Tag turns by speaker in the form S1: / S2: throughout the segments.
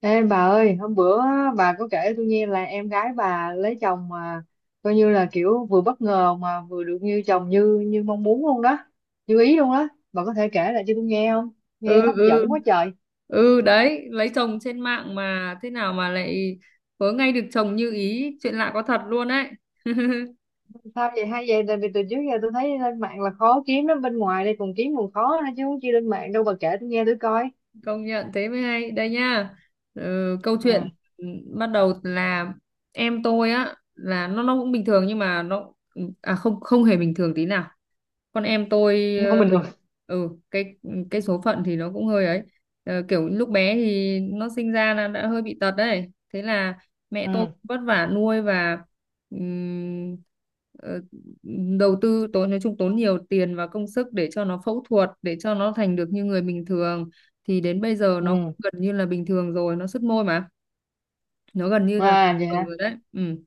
S1: Ê bà ơi, hôm bữa bà có kể tôi nghe là em gái bà lấy chồng mà coi như là kiểu vừa bất ngờ mà vừa được như chồng như như mong muốn luôn đó, như ý luôn đó. Bà có thể kể lại cho tôi nghe không?
S2: Ừ,
S1: Nghe hấp
S2: ừ,
S1: dẫn quá trời.
S2: ừ. Đấy, lấy chồng trên mạng mà thế nào mà lại vớ ngay được chồng như ý, chuyện lạ có thật luôn đấy.
S1: Sao vậy hay vậy? Tại vì từ trước giờ tôi thấy lên mạng là khó kiếm lắm, bên ngoài đây còn kiếm còn khó nữa, chứ không chi lên mạng đâu, bà kể tôi nghe tôi coi.
S2: Công nhận thế mới hay đây nha. Ừ, câu chuyện,
S1: Ừ,
S2: ừ, bắt đầu là em tôi á, là nó cũng bình thường nhưng mà nó, à không, không hề bình thường tí nào. Con em tôi,
S1: không bình thường.
S2: ừ cái cái số phận thì nó cũng hơi ấy. Ờ, kiểu lúc bé thì nó sinh ra là đã hơi bị tật đấy, thế là mẹ tôi
S1: Ừ,
S2: vất vả nuôi và ừm, ờ, đầu tư tốn, nói chung tốn nhiều tiền và công sức để cho nó phẫu thuật, để cho nó thành được như người bình thường. Thì đến bây giờ nó
S1: ừ.
S2: gần như là bình thường rồi, nó sứt môi mà, nó gần như là
S1: À
S2: bình
S1: vậy
S2: thường
S1: hả?
S2: rồi đấy, ừ.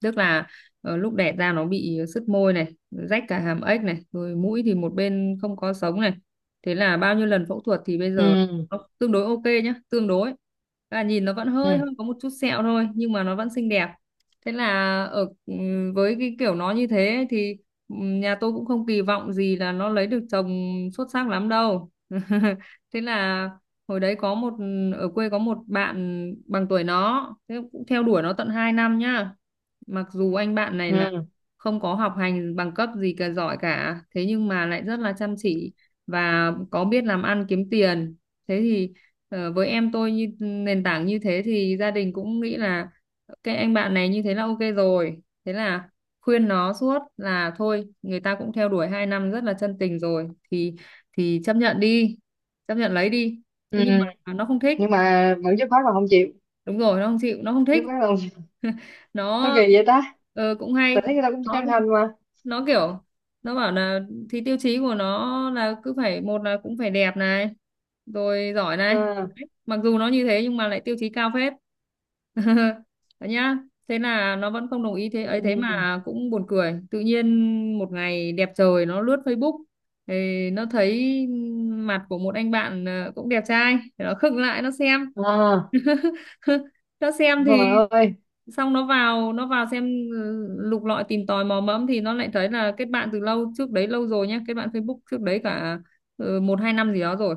S2: Tức là lúc đẻ ra nó bị sứt môi này, rách cả hàm ếch này, rồi mũi thì một bên không có sống này, thế là bao nhiêu lần phẫu thuật thì bây giờ
S1: Ừ,
S2: nó tương đối ok nhá, tương đối, và nhìn nó vẫn hơi
S1: ừ,
S2: hơi có một chút sẹo thôi nhưng mà nó vẫn xinh đẹp. Thế là ở với cái kiểu nó như thế ấy thì nhà tôi cũng không kỳ vọng gì là nó lấy được chồng xuất sắc lắm đâu. Thế là hồi đấy có một ở quê có một bạn bằng tuổi nó, thế cũng theo đuổi nó tận 2 năm nhá. Mặc dù anh bạn này là
S1: ừ,
S2: không có học hành bằng cấp gì cả giỏi cả, thế nhưng mà lại rất là chăm chỉ và có biết làm ăn kiếm tiền. Thế thì với em tôi như nền tảng như thế thì gia đình cũng nghĩ là cái anh bạn này như thế là ok rồi, thế là khuyên nó suốt là thôi, người ta cũng theo đuổi 2 năm rất là chân tình rồi thì chấp nhận đi, chấp nhận lấy đi. Thế nhưng
S1: ừ.
S2: mà nó không thích.
S1: Nhưng mà vẫn dứt khoát là không chịu.
S2: Đúng rồi, nó không chịu, nó không thích.
S1: Dứt khoát là không chịu. Sao
S2: Nó
S1: kỳ vậy ta?
S2: cũng
S1: Tôi
S2: hay.
S1: thấy người ta cũng
S2: Nó
S1: chân
S2: thì,
S1: thành mà.
S2: nó kiểu, nó bảo là thì tiêu chí của nó là cứ phải, một là cũng phải đẹp này, rồi giỏi này.
S1: À,
S2: Đấy, mặc dù nó như thế nhưng mà lại tiêu chí cao phết. Đấy nhá. Thế là nó vẫn không đồng ý thế ấy, thế
S1: ừ,
S2: mà cũng buồn cười, tự nhiên một ngày đẹp trời nó lướt Facebook thì nó thấy mặt của một anh bạn, cũng đẹp trai, thì nó khựng lại nó xem.
S1: à,
S2: Cho xem thì
S1: trời ơi,
S2: xong nó vào, xem, ừ, lục lọi tìm tòi mò mẫm thì nó lại thấy là kết bạn từ lâu trước đấy lâu rồi nhá, kết bạn Facebook trước đấy cả, ừ, một hai năm gì đó rồi.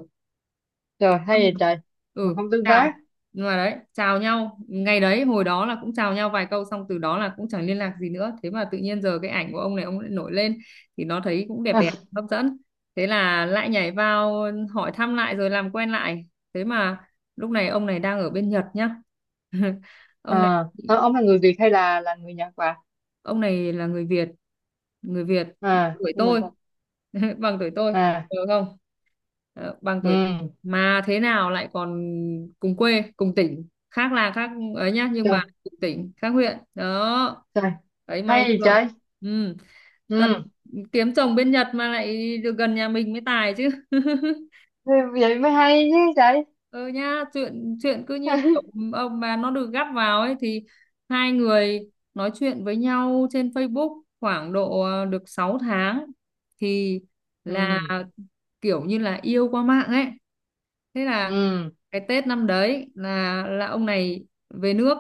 S1: trời hay vậy trời, mà
S2: ừ
S1: không tương
S2: chào
S1: tác.
S2: nhưng mà đấy, chào nhau ngày đấy hồi đó là cũng chào nhau vài câu xong từ đó là cũng chẳng liên lạc gì nữa, thế mà tự nhiên giờ cái ảnh của ông này ông lại nổi lên thì nó thấy cũng đẹp đẹp, hấp dẫn. Thế là lại nhảy vào hỏi thăm lại rồi làm quen lại. Thế mà lúc này ông này đang ở bên Nhật nhá. ông này
S1: à, à, ông là người Việt hay là người Nhật bà?
S2: ông này là người Việt, người Việt,
S1: À
S2: tuổi
S1: nhưng mà,
S2: tôi, bằng tuổi tôi
S1: à,
S2: được không? Ờ, bằng tuổi,
S1: ừ,
S2: mà thế nào lại còn cùng quê, cùng tỉnh khác là khác ấy nhá, nhưng
S1: trời,
S2: mà cùng tỉnh khác huyện đó.
S1: trời
S2: Đấy, may
S1: hay vậy
S2: chưa,
S1: trời.
S2: ừ. Thật,
S1: Ừ,
S2: kiếm chồng bên Nhật mà lại được gần nhà mình mới tài chứ.
S1: thế vậy mới hay chứ trời.
S2: Ừ nha, chuyện chuyện cứ như kiểu ông bà nó được gắp vào ấy, thì hai người nói chuyện với nhau trên Facebook khoảng độ được 6 tháng, thì là
S1: ừ,
S2: kiểu như là yêu qua mạng ấy. Thế là
S1: ừ,
S2: cái Tết năm đấy là ông này về nước.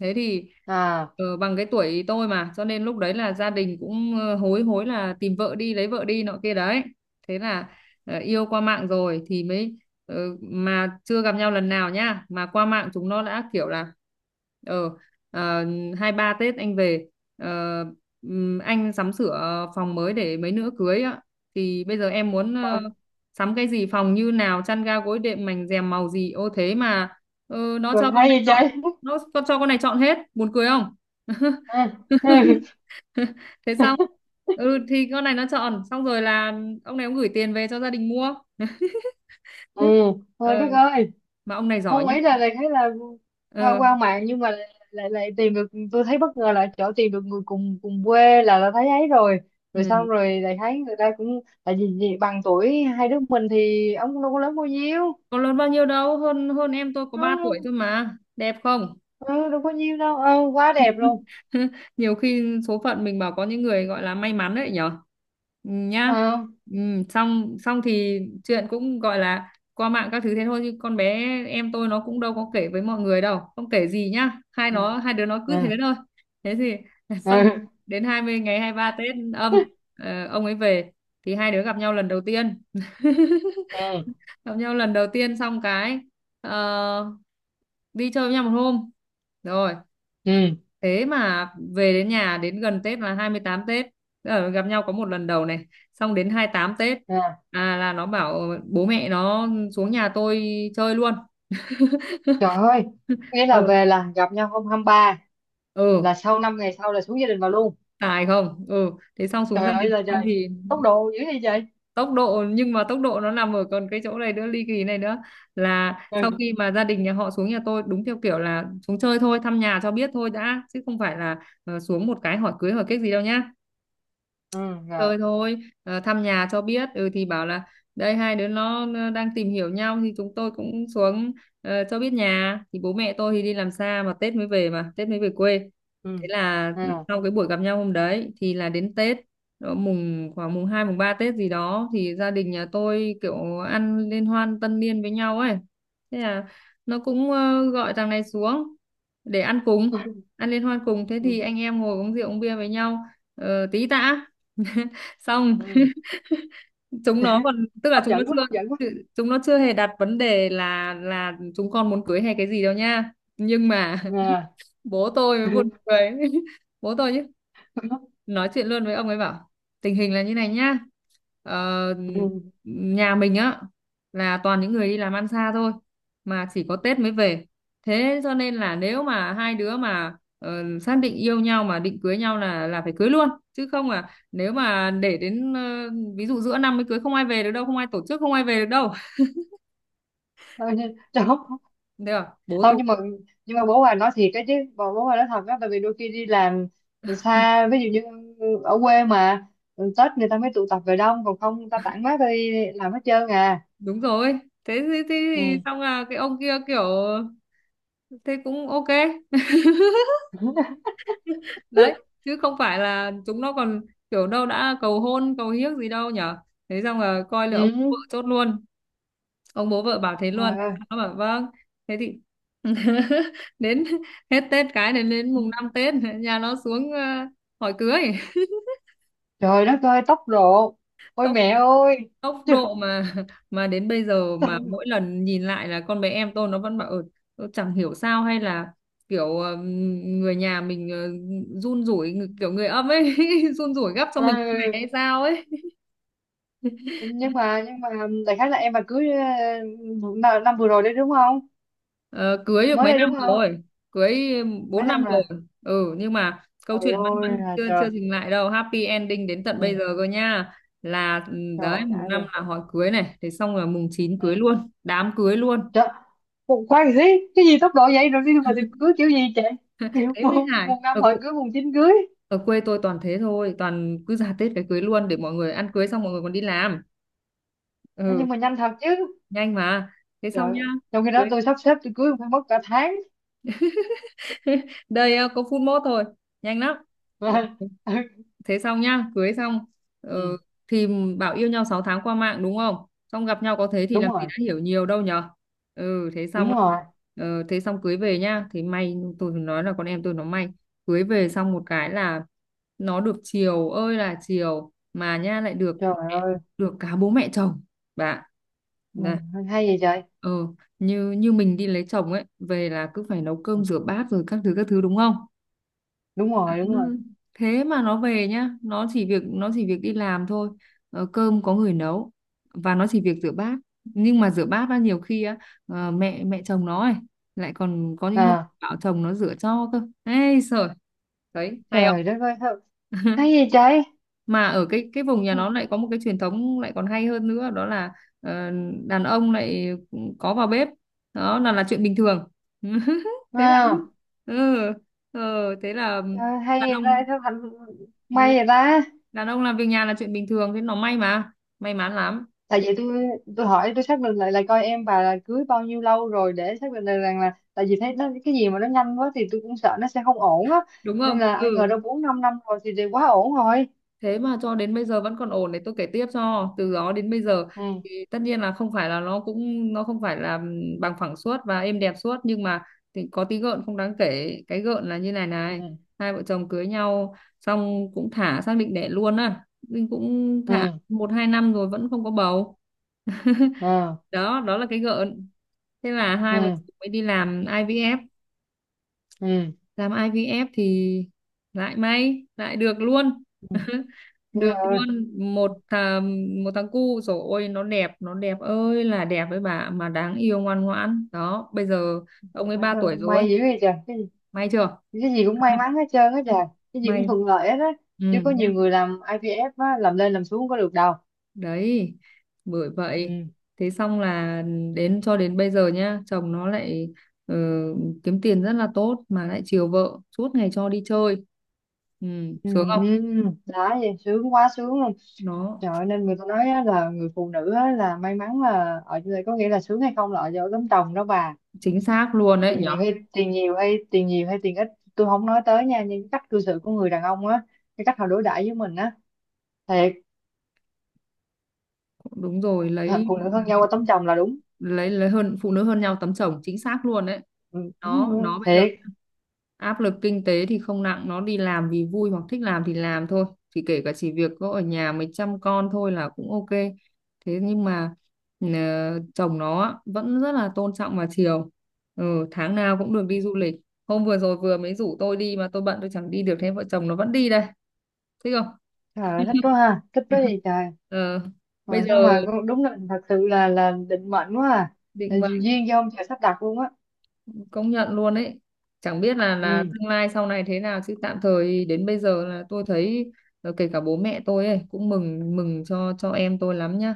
S2: Thế thì
S1: à,
S2: bằng cái tuổi tôi mà, cho nên lúc đấy là gia đình cũng hối hối là tìm vợ đi, lấy vợ đi nọ kia đấy. Thế là yêu qua mạng rồi thì mới, ờ, mà chưa gặp nhau lần nào nhá, mà qua mạng chúng nó đã kiểu là ờ ờ, 23 Tết anh về, ờ, anh sắm sửa phòng mới để mấy nữa cưới á, thì bây giờ em muốn
S1: rồi,
S2: sắm cái gì, phòng như nào, chăn ga gối đệm mành rèm màu gì, ô thế mà nó cho
S1: rồi
S2: con
S1: hay
S2: này
S1: vậy
S2: chọn.
S1: trời.
S2: Con cho con này chọn hết, buồn cười không?
S1: ừ,
S2: Thế xong ừ thì con này nó chọn xong rồi là ông này ông gửi tiền về cho gia đình mua.
S1: ừ, thôi
S2: ờ
S1: đất ơi.
S2: mà ông này giỏi
S1: Không,
S2: nhá.
S1: ý là lại thấy là qua
S2: ờ
S1: qua mạng nhưng mà lại lại, lại tìm được, tôi thấy bất ngờ là chỗ tìm được người cùng cùng quê là thấy ấy rồi. Rồi
S2: ừ.
S1: xong rồi lại thấy người ta cũng tại vì bằng tuổi hai đứa mình thì ông cũng đâu có lớn bao nhiêu.
S2: Có lớn bao nhiêu đâu, hơn hơn em tôi có 3 tuổi
S1: Nó
S2: thôi mà, đẹp không?
S1: ừ, đâu có nhiêu đâu, ừ, quá đẹp luôn.
S2: Nhiều khi số phận mình bảo có những người gọi là may mắn đấy nhở. Ừ, nhá.
S1: Ờ,
S2: Ừ, xong xong thì chuyện cũng gọi là qua mạng các thứ thế thôi, chứ con bé em tôi nó cũng đâu có kể với mọi người đâu, không kể gì nhá,
S1: ừ,
S2: hai đứa nó cứ thế
S1: ừ,
S2: thôi. Thế thì
S1: ừ,
S2: xong, đến 23 Tết âm, ông ấy về thì hai đứa gặp nhau lần đầu tiên.
S1: ừ,
S2: Gặp nhau lần đầu tiên xong cái ờ, đi chơi với nhau một hôm rồi.
S1: ừ,
S2: Thế mà về đến nhà, đến gần Tết là 28 Tết, gặp nhau có một lần đầu này, xong đến 28 Tết,
S1: ừ.
S2: à, là nó bảo bố mẹ nó xuống nhà tôi chơi luôn.
S1: Trời ơi, nghĩa là
S2: Ừ,
S1: về là gặp nhau hôm hai ba, là
S2: ừ,
S1: sau năm ngày sau là xuống gia đình vào luôn.
S2: tài không, ừ. Thế xong xuống gia
S1: Trời ơi
S2: đình
S1: là
S2: con
S1: trời,
S2: thì,
S1: tốc độ dữ vậy trời.
S2: tốc độ nhưng mà tốc độ nó nằm ở còn cái chỗ này nữa, ly kỳ này nữa, là sau
S1: Ừ,
S2: khi mà gia đình nhà họ xuống nhà tôi đúng theo kiểu là xuống chơi thôi, thăm nhà cho biết thôi đã, chứ không phải là xuống một cái hỏi cưới hỏi kết gì đâu nhá.
S1: ừ, rồi,
S2: Chơi thôi, thăm nhà cho biết. Ừ thì bảo là đây hai đứa nó đang tìm hiểu nhau thì chúng tôi cũng xuống cho biết nhà. Thì bố mẹ tôi thì đi làm xa mà Tết mới về quê.
S1: ừ,
S2: Thế là ừ,
S1: à,
S2: sau cái buổi gặp nhau hôm đấy thì là đến Tết, mùng 2 mùng 3 Tết gì đó, thì gia đình nhà tôi kiểu ăn liên hoan tân niên với nhau ấy. Thế là nó cũng gọi thằng này xuống để ăn cùng, ăn liên hoan cùng. Thế
S1: ừ,
S2: thì anh em ngồi uống rượu uống bia với nhau tí tã. Xong
S1: ừ.
S2: chúng nó còn, tức là
S1: hấp
S2: chúng nó
S1: dẫn quá, hấp dẫn quá.
S2: chưa hề đặt vấn đề là chúng con muốn cưới hay cái gì đâu nha, nhưng mà
S1: À,
S2: bố tôi mới buồn cười. Bố tôi nói chuyện luôn với ông ấy bảo tình hình là như này nhá, ờ,
S1: ừ.
S2: nhà mình á là toàn những người đi làm ăn xa thôi, mà chỉ có Tết mới về, thế cho nên là nếu mà hai đứa mà xác định yêu nhau mà định cưới nhau là phải cưới luôn chứ không, à nếu mà để đến, ví dụ giữa năm mới cưới, không ai về được đâu, không ai tổ chức, không ai về được đâu.
S1: Thôi nhưng- Trời, không.
S2: Thế à bố
S1: Không,
S2: tôi,
S1: nhưng mà, nhưng mà bố bà nói thiệt cái chứ, bố bố bà nói thật đó, tại vì đôi khi đi làm xa ví dụ như ở quê mà Tết người ta mới tụ tập về đông, còn không người ta tản mát đi làm hết trơn à.
S2: đúng rồi, thế thì
S1: Ừ.
S2: xong là cái ông kia kiểu thế cũng ok. Đấy, chứ không phải là chúng nó còn kiểu đâu, đã cầu hôn cầu hiếc gì đâu nhở. Thế xong là coi là ông
S1: ừ,
S2: bố vợ chốt luôn. Ông bố vợ bảo thế luôn,
S1: trời
S2: thế
S1: ơi,
S2: xong nó bảo vâng. Thế thì đến hết Tết, cái này đến mùng 5 Tết nhà nó xuống hỏi cưới.
S1: trời đất ơi tóc độ, ôi
S2: tốc
S1: mẹ ơi.
S2: tốc
S1: Chứ-
S2: độ mà, mà đến bây giờ mà mỗi lần nhìn lại là con bé em tôi nó vẫn bảo ừ, tôi chẳng hiểu sao, hay là kiểu người nhà mình run rủi, kiểu người âm ấy, run rủi gấp cho mình như này
S1: Ừ.
S2: hay sao ấy.
S1: Nhưng mà, nhưng mà đại khái là em mà cưới ờ, năm năm vừa rồi đấy đúng không?
S2: Ờ, cưới được
S1: Mới
S2: mấy
S1: đây đúng
S2: năm
S1: không?
S2: rồi, cưới 4
S1: Mấy
S2: năm
S1: năm là,
S2: rồi. Ừ nhưng mà câu
S1: trời
S2: chuyện vẫn
S1: ơi
S2: vẫn
S1: là
S2: chưa
S1: trời.
S2: chưa dừng lại đâu, happy ending đến tận
S1: Ừ.
S2: bây giờ cơ nha. Là ừ,
S1: Trời
S2: đấy
S1: ơi,
S2: mùng
S1: đã vậy.
S2: năm là hỏi cưới này, thế xong là mùng 9
S1: Ừ.
S2: cưới luôn, đám cưới luôn.
S1: Trời, một khoan gì, cái gì tốc độ vậy rồi đi mà tìm cưới kiểu gì chị? Kiểu
S2: Thế mới
S1: một,
S2: hài,
S1: một năm hỏi cưới, mùng chín cưới.
S2: ở quê tôi toàn thế thôi, toàn cứ ra Tết cái cưới luôn để mọi người ăn cưới xong mọi người còn đi làm.
S1: Nói
S2: Ừ
S1: nhưng mà nhanh thật chứ.
S2: nhanh mà. Thế xong
S1: Trời,
S2: nhá
S1: trong khi đó
S2: cưới,
S1: tôi sắp xếp tôi cưới phải mất cả tháng.
S2: đây có phút mốt thôi, nhanh lắm. Ừ, thế Xong nhá, cưới xong. ờ,
S1: ừ.
S2: thì bảo yêu nhau 6 tháng qua mạng, đúng không? Xong gặp nhau có thế thì làm
S1: Đúng
S2: gì
S1: rồi,
S2: đã hiểu nhiều đâu nhở. Ừ, thế xong.
S1: đúng rồi.
S2: Thế xong cưới về nhá, thì may, tôi nói là con em tôi nó may. Cưới về xong một cái là nó được chiều ơi là chiều, mà nha, lại được,
S1: Trời ơi.
S2: được cả bố mẹ chồng, bạn.
S1: Ừ.
S2: Nè,
S1: Hay vậy trời.
S2: ừ, như như mình đi lấy chồng ấy, về là cứ phải nấu
S1: Ừ.
S2: cơm rửa bát rồi các thứ đúng không?
S1: Đúng rồi, đúng rồi.
S2: Ừ. Thế mà nó về nhá, nó chỉ việc đi làm thôi. Cơm có người nấu, và nó chỉ việc rửa bát. Nhưng mà rửa bát á, nhiều khi á, mẹ mẹ chồng nó ấy lại còn có những hôm
S1: À,
S2: bảo chồng nó rửa cho cơ, ê sợ. Đấy, hay
S1: trời
S2: không?
S1: đất ơi, thật. Hay vậy trời.
S2: Mà ở cái vùng nhà nó lại có một cái truyền thống lại còn hay hơn nữa, đó là ờ, đàn ông lại có vào bếp, đó là chuyện bình thường. Thế là,
S1: Wow.
S2: ừ, ừ, thế là
S1: Trời,
S2: đàn
S1: hay ra
S2: ông,
S1: sao thành,
S2: ừ,
S1: may vậy ta.
S2: đàn ông làm việc nhà là chuyện bình thường. Thế nó may mà, may mắn lắm.
S1: Tại
S2: Thế-
S1: vì tôi hỏi tôi xác định lại là coi em bà là cưới bao nhiêu lâu rồi để xác định được rằng là, tại vì thấy nó cái gì mà nó nhanh quá thì tôi cũng sợ nó sẽ không ổn á.
S2: Đúng
S1: Nên
S2: không?
S1: là ai ngờ
S2: Ừ,
S1: đâu 4 5 năm rồi thì quá ổn rồi.
S2: thế mà cho đến bây giờ vẫn còn ổn, để tôi kể tiếp cho. Từ đó đến bây giờ
S1: Ừ,
S2: thì tất nhiên là không phải là nó không phải là bằng phẳng suốt và êm đẹp suốt, nhưng mà thì có tí gợn không đáng kể. Cái gợn là như này này:
S1: ừ,
S2: hai vợ chồng cưới nhau xong cũng thả, xác định đẻ luôn á, nhưng cũng thả
S1: ừ,
S2: 1-2 năm rồi vẫn không có bầu.
S1: ừ,
S2: Đó, đó là cái gợn. Thế là hai vợ
S1: ừ,
S2: chồng mới đi làm IVF.
S1: ừ.
S2: Làm IVF thì lại may, lại được luôn.
S1: Ừ. Đúng
S2: Được
S1: rồi.
S2: luôn một thằng cu rồi. Ôi, nó đẹp, nó đẹp ơi là đẹp, với bà, mà đáng yêu, ngoan ngoãn đó. Bây giờ ông ấy
S1: Mà
S2: ba
S1: sao
S2: tuổi rồi,
S1: may dữ vậy trời.
S2: may chưa?
S1: Cái gì cũng may mắn hết trơn á
S2: Ừ.
S1: trời. Cái gì cũng
S2: May,
S1: thuận lợi hết á.
S2: ừ,
S1: Chứ có nhiều
S2: nhá,
S1: người làm IVF á, làm lên làm xuống có được đâu.
S2: đấy, bởi vậy.
S1: Ừ.
S2: Thế xong là cho đến bây giờ nhá, chồng nó lại ờ, kiếm tiền rất là tốt, mà lại chiều vợ, suốt ngày cho đi chơi. Ừ,
S1: Ừ,
S2: sướng không?
S1: ừ, đó vậy sướng quá, sướng luôn.
S2: Nó
S1: Trời ơi, nên người ta nói á, là người phụ nữ á, là may mắn là ở chỗ này, có nghĩa là sướng hay không là ở chỗ tấm chồng đó bà.
S2: chính xác luôn đấy
S1: Tiền
S2: nhở.
S1: nhiều hay tiền nhiều hay tiền nhiều hay tiền ít, tôi không nói tới nha, nhưng cái cách cư xử của người đàn ông á, cái cách họ đối đãi với mình á, thiệt.
S2: Đúng rồi,
S1: Hả,
S2: lấy
S1: phụ nữ hơn nhau qua tấm chồng là đúng.
S2: lấy lấy hơn, phụ nữ hơn nhau tấm chồng, chính xác luôn đấy.
S1: Ừ, ừ,
S2: Nó bây giờ
S1: thiệt.
S2: áp lực kinh tế thì không nặng, nó đi làm vì vui hoặc thích làm thì làm thôi, thì kể cả chỉ việc có ở nhà mới chăm con thôi là cũng ok. Thế nhưng mà ờ, chồng nó á, vẫn rất là tôn trọng và chiều. Ừ, tháng nào cũng được đi du lịch. Hôm vừa rồi vừa mới rủ tôi đi mà tôi bận, tôi chẳng đi được, thế vợ chồng nó vẫn đi đây. Thích không?
S1: Trời ơi, thích quá ha, thích quá gì trời.
S2: ờ, Bây
S1: Rồi
S2: giờ
S1: sao mà con- đúng là thật sự là định mệnh quá à.
S2: định,
S1: Là duyên do ông trời sắp đặt luôn á.
S2: công nhận luôn ấy. Chẳng biết là
S1: Ừ,
S2: tương lai sau này thế nào, chứ tạm thời đến bây giờ là tôi thấy kể cả bố mẹ tôi ấy cũng mừng mừng cho em tôi lắm nhá.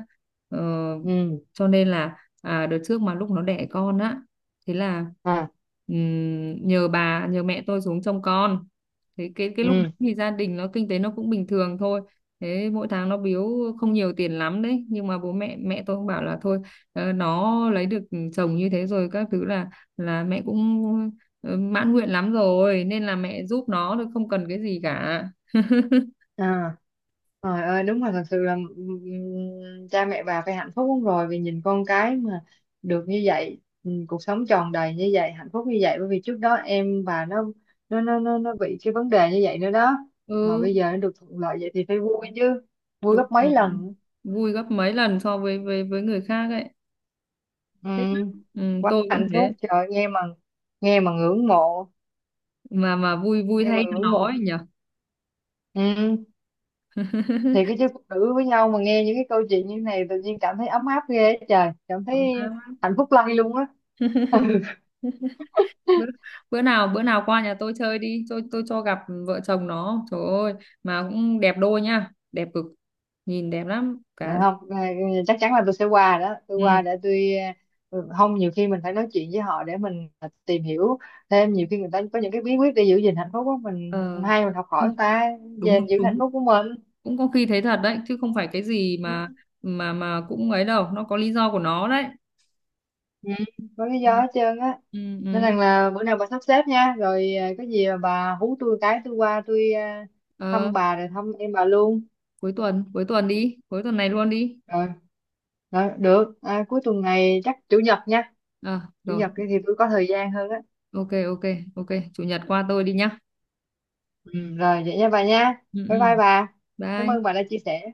S2: ờ,
S1: ừ,
S2: cho nên là à, đợt trước mà lúc nó đẻ con á, thế là
S1: à,
S2: nhờ mẹ tôi xuống trông con. Thế cái lúc
S1: ừ,
S2: đấy thì gia đình nó kinh tế nó cũng bình thường thôi, thế mỗi tháng nó biếu không nhiều tiền lắm đấy. Nhưng mà bố mẹ mẹ tôi cũng bảo là thôi, nó lấy được chồng như thế rồi các thứ, là mẹ cũng mãn nguyện lắm rồi, nên là mẹ giúp nó thôi, không cần cái gì cả.
S1: à, trời ơi đúng là thật sự là cha mẹ bà phải hạnh phúc lắm rồi, vì nhìn con cái mà được như vậy, cuộc sống tròn đầy như vậy, hạnh phúc như vậy, bởi vì trước đó em bà nó bị cái vấn đề như vậy nữa đó. Mà
S2: Ừ,
S1: bây giờ nó được thuận lợi vậy thì phải vui chứ, vui
S2: đúng
S1: gấp mấy
S2: rồi.
S1: lần.
S2: Vui gấp mấy lần so với với người khác ấy, thích
S1: Ừm,
S2: lắm. Ừ,
S1: quá
S2: tôi cũng
S1: hạnh
S2: thế.
S1: phúc, trời ơi, nghe mà ngưỡng mộ,
S2: Mà vui, vui
S1: nghe mà
S2: thay cho
S1: ngưỡng
S2: nó
S1: mộ.
S2: ấy nhỉ.
S1: Ừ, thì cái chứ phụ nữ với nhau mà nghe những cái câu chuyện như này tự nhiên cảm thấy ấm áp ghê á trời, cảm thấy
S2: Đúng không?
S1: hạnh phúc lây luôn á.
S2: bữa, bữa nào qua nhà tôi chơi đi, tôi cho gặp vợ chồng nó. Trời ơi, mà cũng đẹp đôi nha, đẹp cực, nhìn đẹp lắm
S1: Này
S2: cả.
S1: không à, chắc chắn là tôi sẽ qua đó, tôi
S2: Ừ.
S1: qua để tôi, ừ, không nhiều khi mình phải nói chuyện với họ để mình à, tìm hiểu thêm, nhiều khi người ta có những cái bí quyết để giữ gìn hạnh phúc của mình
S2: Ờ,
S1: hay mình học
S2: ờ,
S1: hỏi người ta
S2: đúng đúng
S1: về giữ hạnh
S2: đúng.
S1: phúc của mình.
S2: Cũng có khi thấy thật đấy, chứ không phải cái gì mà
S1: Ừ.
S2: mà mà cũng ấy đâu, nó có lý do của nó đấy.
S1: Ừ. Có lý
S2: Ừ.
S1: do hết trơn á.
S2: Ừ,
S1: Nên
S2: ừ.
S1: rằng là bữa nào bà sắp xếp nha, rồi à, có gì mà bà hú tôi cái, tôi qua tôi à,
S2: Ờ,
S1: thăm bà rồi thăm em bà luôn.
S2: cuối tuần, cuối tuần đi, cuối tuần này luôn đi.
S1: Rồi, rồi được. À, cuối tuần này chắc chủ nhật nha.
S2: Ờ,
S1: Chủ
S2: rồi.
S1: nhật kia thì tôi có thời gian hơn á.
S2: Ok, ok, ok. Chủ nhật qua tôi đi nhá.
S1: Ừ, rồi vậy nha bà nha.
S2: Ừ,
S1: Bye
S2: ừ.
S1: bye bà. Cảm ơn bà
S2: Bye.
S1: đã chia sẻ.